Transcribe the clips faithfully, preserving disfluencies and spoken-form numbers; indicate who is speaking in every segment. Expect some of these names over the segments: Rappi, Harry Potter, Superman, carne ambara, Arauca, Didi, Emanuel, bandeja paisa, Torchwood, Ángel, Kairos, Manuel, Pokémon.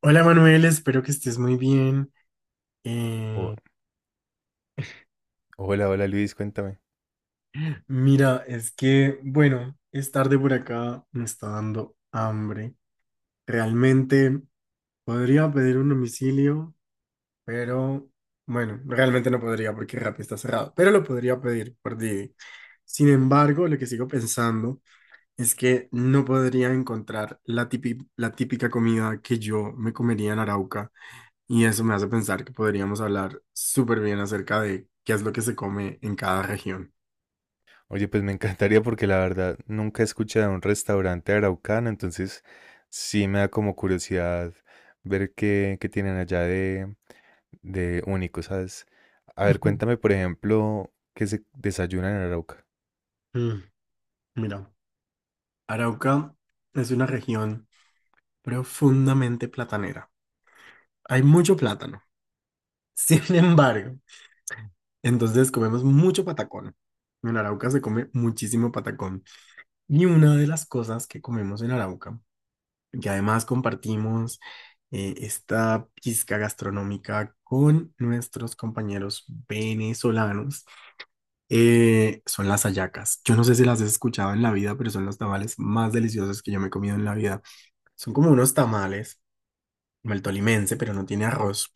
Speaker 1: Hola Manuel, espero que estés muy bien.
Speaker 2: O-
Speaker 1: Eh,
Speaker 2: hola, hola Luis, cuéntame.
Speaker 1: Mira, es que, bueno, es tarde por acá, me está dando hambre. Realmente podría pedir un domicilio, pero bueno, realmente no podría porque Rappi está cerrado, pero lo podría pedir por Didi. Sin embargo, lo que sigo pensando es que no podría encontrar la típica, la típica comida que yo me comería en Arauca. Y eso me hace pensar que podríamos hablar súper bien acerca de qué es lo que se come en cada región.
Speaker 2: Oye, pues me encantaría porque la verdad nunca he escuchado de un restaurante araucano, entonces sí me da como curiosidad ver qué, qué tienen allá de, de único, ¿sabes? A ver,
Speaker 1: Ujú.
Speaker 2: cuéntame, por ejemplo, qué se desayunan en Arauca.
Speaker 1: Mm, mira, Arauca es una región profundamente platanera. Hay mucho plátano. Sin embargo, entonces comemos mucho patacón. En Arauca se come muchísimo patacón. Y una de las cosas que comemos en Arauca, que además compartimos eh, esta pizca gastronómica con nuestros compañeros venezolanos, eh, son las hallacas. Yo no sé si las has escuchado en la vida, pero son los tamales más deliciosos que yo me he comido en la vida. Son como unos tamales, como el tolimense, pero no tiene arroz.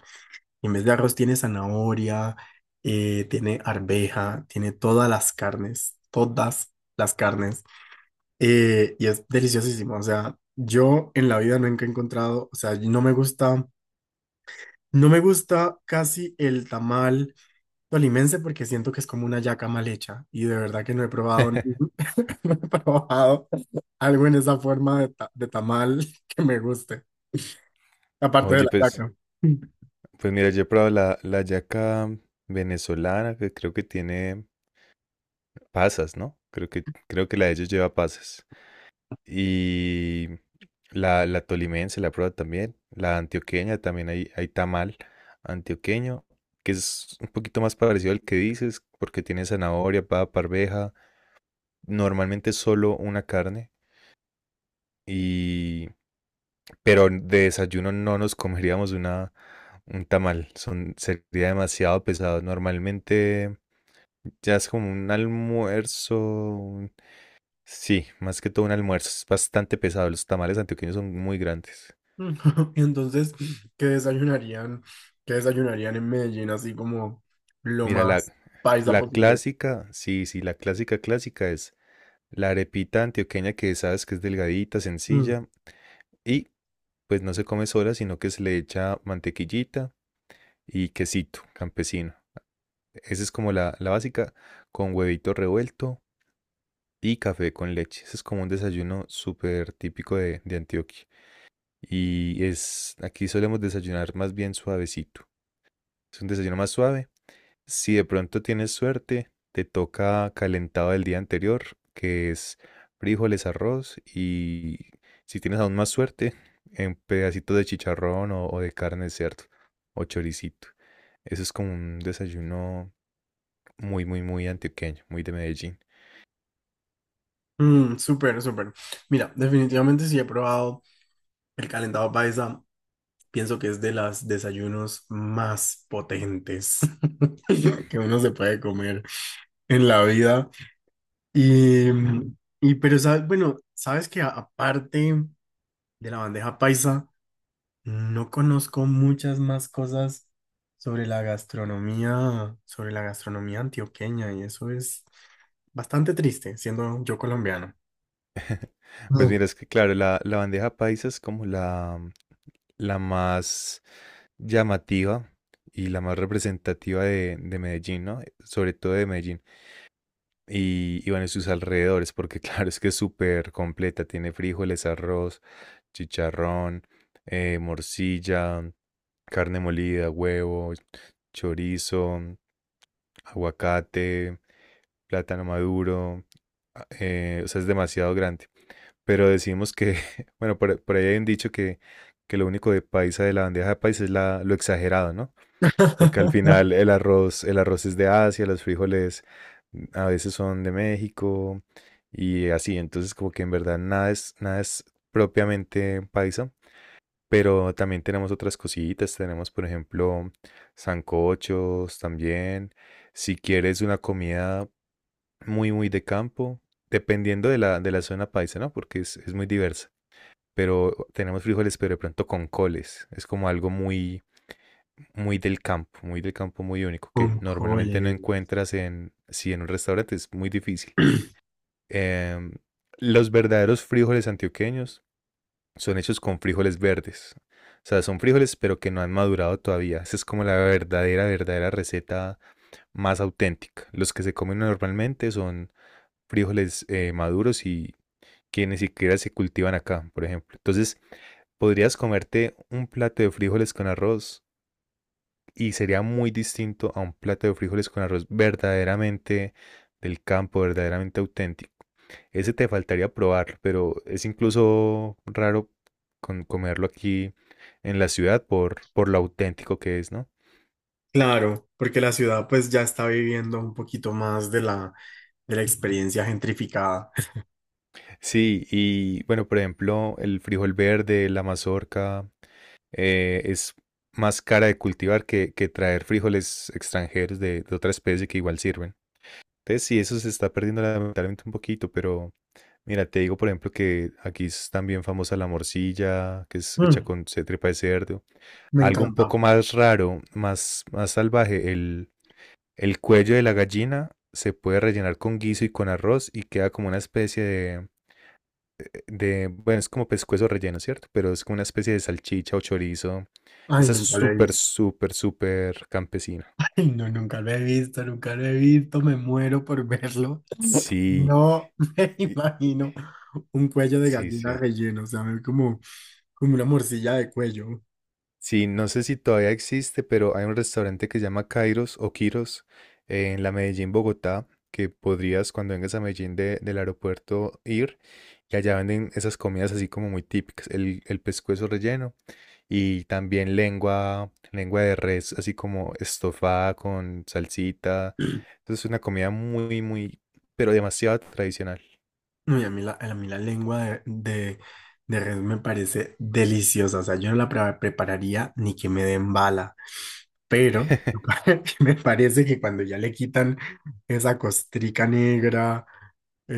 Speaker 1: Y en vez de arroz tiene zanahoria, eh, tiene arveja, tiene todas las carnes, todas las carnes. Eh, y es deliciosísimo. O sea, yo en la vida nunca he encontrado, o sea, no me gusta, no me gusta casi el tamal tolimense, porque siento que es como una yaca mal hecha y de verdad que no he probado. No he probado algo en esa forma de, ta- de tamal que me guste, aparte de
Speaker 2: Oye,
Speaker 1: la
Speaker 2: pues,
Speaker 1: yaca.
Speaker 2: pues mira, yo he probado la, la hallaca venezolana, que creo que tiene pasas, ¿no? Creo que, creo que la de ellos lleva pasas. Y la, la tolimense, la prueba también. La antioqueña, también hay, hay tamal antioqueño, que es un poquito más parecido al que dices, porque tiene zanahoria, papa, arveja. Normalmente solo una carne. Y, pero de desayuno no nos comeríamos una, un tamal. Son, sería demasiado pesado. Normalmente ya es como un almuerzo. un- Sí, más que todo un almuerzo. Es bastante pesado. Los tamales antioqueños son muy grandes.
Speaker 1: Y entonces, ¿qué desayunarían? ¿Qué desayunarían en Medellín así como lo
Speaker 2: Mira, la,
Speaker 1: más paisa
Speaker 2: la
Speaker 1: posible?
Speaker 2: clásica, sí, sí, la clásica clásica es la arepita antioqueña que sabes que es delgadita,
Speaker 1: Mm,
Speaker 2: sencilla y pues no se come sola, sino que se le echa mantequillita y quesito campesino. Esa es como la, la básica, con huevito revuelto y café con leche. Ese es como un desayuno súper típico de, de Antioquia. Y es, aquí solemos desayunar más bien suavecito. Es un desayuno más suave. Si de pronto tienes suerte, te toca calentado del día anterior, que es frijoles, arroz y si tienes aún más suerte, en pedacitos de chicharrón o, o de carne de cerdo o choricito. Eso es como un desayuno muy, muy, muy antioqueño, muy de Medellín.
Speaker 1: mm, súper, súper. Mira, definitivamente sí he probado el calentado paisa. Pienso que es de los desayunos más potentes que uno se puede comer en la vida. Y, y pero sabes, bueno, sabes que a- aparte de la bandeja paisa, no conozco muchas más cosas sobre la gastronomía, sobre la gastronomía antioqueña, y eso es bastante triste, siendo yo colombiano.
Speaker 2: Pues
Speaker 1: Mm.
Speaker 2: mira, es que claro, la, la bandeja paisa es como la, la más llamativa y la más representativa de, de Medellín, ¿no? Sobre todo de Medellín. Y, y bueno, y sus alrededores, porque claro, es que es súper completa. Tiene frijoles, arroz, chicharrón, eh, morcilla, carne molida, huevo, chorizo, aguacate, plátano maduro. A- eh, o sea, es demasiado grande. Pero decimos que, bueno, por, por ahí hay un dicho que, que lo único de paisa de la bandeja de paisa es la, lo exagerado, ¿no? Porque al final el arroz, el arroz es de Asia, los frijoles mm, a veces son de México y así, entonces como que en verdad nada es, nada es propiamente paisa, pero también tenemos otras cositas, tenemos por ejemplo sancochos también, si quieres una comida muy muy de campo, dependiendo de la, de la zona paisa, ¿no? Porque es, es muy diversa, pero tenemos frijoles, pero de pronto con coles, es como algo muy muy del campo, muy del campo, muy único,
Speaker 1: Con
Speaker 2: que
Speaker 1: cole.
Speaker 2: normalmente no encuentras en, si en un restaurante es muy difícil. Em, los verdaderos frijoles antioqueños son hechos con frijoles verdes. O sea, son frijoles pero que no han madurado todavía. Esa es como la verdadera, verdadera receta más auténtica. Los que se comen normalmente son frijoles eh, maduros y que ni siquiera se cultivan acá, por ejemplo. Entonces, podrías comerte un plato de frijoles con arroz y sería muy distinto a un plato de frijoles con arroz verdaderamente del campo, verdaderamente auténtico. Ese te faltaría probar, pero es incluso raro con- comerlo aquí en la ciudad por, por lo auténtico que es, ¿no?
Speaker 1: Claro, porque la ciudad pues ya está viviendo un poquito más de la, de la experiencia gentrificada.
Speaker 2: Sí, y bueno, por ejemplo, el frijol verde, la mazorca, eh, es más cara de cultivar que, que traer frijoles extranjeros de, de otra especie que igual sirven. Entonces, sí, eso se está perdiendo lamentablemente un poquito, pero... Mira, te digo, por ejemplo, que aquí es también famosa la morcilla, que es hecha
Speaker 1: Mm,
Speaker 2: con se- tripa de cerdo.
Speaker 1: me
Speaker 2: Algo un poco
Speaker 1: encanta.
Speaker 2: más raro, más, más salvaje, el, el cuello de la gallina se puede rellenar con guiso y con arroz y queda como una especie de, de, bueno, es como pescuezo relleno, ¿cierto? Pero es como una especie de salchicha o chorizo.
Speaker 1: Ay,
Speaker 2: Esa es
Speaker 1: nunca lo he
Speaker 2: súper,
Speaker 1: visto.
Speaker 2: súper, súper campesina.
Speaker 1: No, nunca lo he visto, nunca lo he visto, me muero por verlo.
Speaker 2: Sí,
Speaker 1: No me
Speaker 2: y-
Speaker 1: imagino un cuello de
Speaker 2: sí,
Speaker 1: gallina
Speaker 2: sí.
Speaker 1: relleno, o sea, me- como, como una morcilla de cuello.
Speaker 2: Sí, no sé si todavía existe, pero hay un restaurante que se llama Kairos o Kiros eh, en la Medellín, Bogotá, que podrías cuando vengas a Medellín de- del aeropuerto ir y allá venden esas comidas así como muy típicas, el, el pescuezo relleno y también lengua, lengua de res así como estofada con salsita. Entonces es una comida muy, muy, pero demasiado tradicional.
Speaker 1: Uy, a mí la, a mí la lengua de, de, de res me parece deliciosa, o sea, yo no la pre- prepararía ni que me den bala, pero me parece que cuando ya le quitan esa costrica negra eh,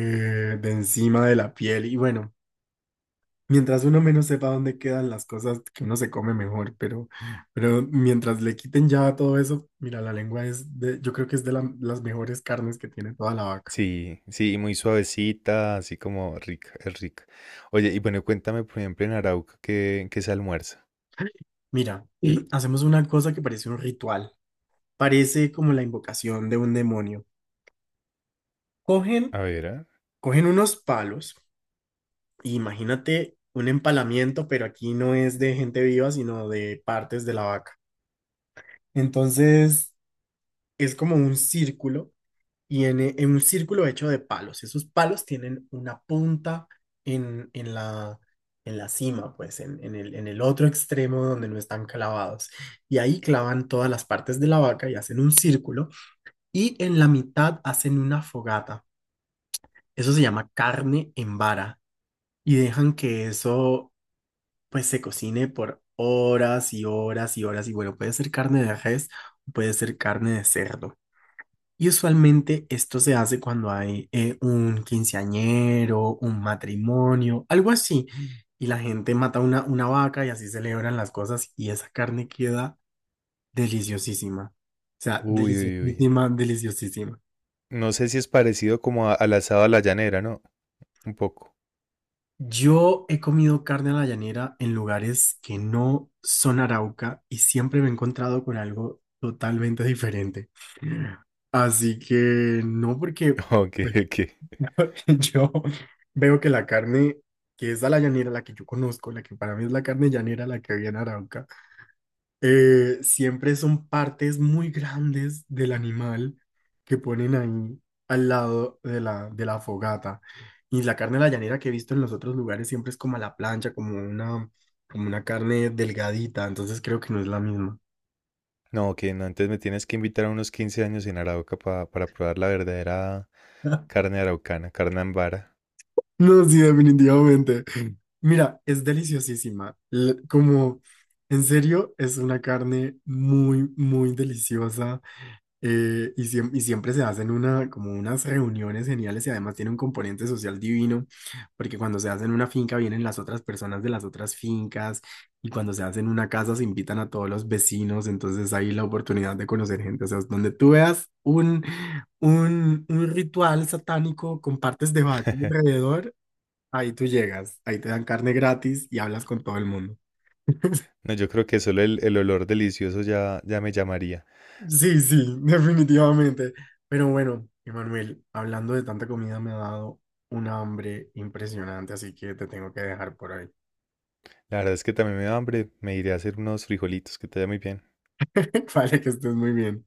Speaker 1: de encima de la piel y bueno. Mientras uno menos sepa dónde quedan las cosas que uno se come mejor, pero, pero mientras le quiten ya todo eso, mira, la lengua es de, yo creo que es de la- las mejores carnes que tiene toda la vaca.
Speaker 2: Sí, sí, muy suavecita, así como rica, es rica. Oye, y bueno, cuéntame, por ejemplo, en Arauca, ¿qué, qué se almuerza?
Speaker 1: Mira, hacemos una cosa que parece un ritual, parece como la invocación de un demonio. Cogen,
Speaker 2: A ver, ¿ah?
Speaker 1: cogen unos palos, e imagínate un empalamiento, pero aquí no es de gente viva, sino de partes de la vaca. Entonces, es como un círculo y en, en un círculo hecho de palos. Esos palos tienen una punta en, en la, en la cima, pues en, en el, en el otro extremo donde no están clavados. Y ahí clavan todas las partes de la vaca y hacen un círculo y en la mitad hacen una fogata. Eso se llama carne en vara y dejan que eso pues se cocine por horas y horas y horas y bueno, puede ser carne de res, puede ser carne de cerdo. Y usualmente esto se hace cuando hay eh, un quinceañero, un matrimonio, algo así. Y la gente mata una, una vaca y así celebran las cosas y esa carne queda deliciosísima. O sea,
Speaker 2: Uy, uy, uy.
Speaker 1: deliciosísima, deliciosísima.
Speaker 2: No sé si es parecido como a- al asado a la llanera, ¿no? Un poco.
Speaker 1: Yo he comido carne a la llanera en lugares que no son Arauca y siempre me he encontrado con algo totalmente diferente. Así que no porque...
Speaker 2: Ok,
Speaker 1: bueno,
Speaker 2: ok.
Speaker 1: yo veo que la carne que es a la llanera, la que yo conozco, la que para mí es la carne llanera, la que había en Arauca, eh, siempre son partes muy grandes del animal que ponen ahí al lado de la, de la fogata. Y la carne de la llanera que he visto en los otros lugares siempre es como a la plancha, como una, como una carne delgadita, entonces creo que no es la misma.
Speaker 2: No, ok, no, entonces me tienes que invitar a unos quince años en Arauca pa- para probar la verdadera carne araucana, carne ambara.
Speaker 1: No, sí, definitivamente. Mira, es deliciosísima. L- Como, en serio, es una carne muy, muy deliciosa. Eh, y, siem- y siempre se hacen una, como unas reuniones geniales y además tiene un componente social divino, porque cuando se hace en una finca vienen las otras personas de las otras fincas y cuando se hace en una casa se invitan a todos los vecinos, entonces hay la oportunidad de conocer gente, o sea, es donde tú veas un, un, un ritual satánico con partes de vaca alrededor. Ahí tú llegas, ahí te dan carne gratis y hablas con todo el mundo.
Speaker 2: No, yo creo que solo el, el olor delicioso ya, ya me llamaría.
Speaker 1: Sí, sí, definitivamente. Pero bueno, Emanuel, hablando de tanta comida me ha dado un hambre impresionante, así que te tengo que dejar por ahí.
Speaker 2: La verdad es que también me da hambre, me iré a hacer unos frijolitos, que te vaya muy bien.
Speaker 1: Vale, que estés muy bien.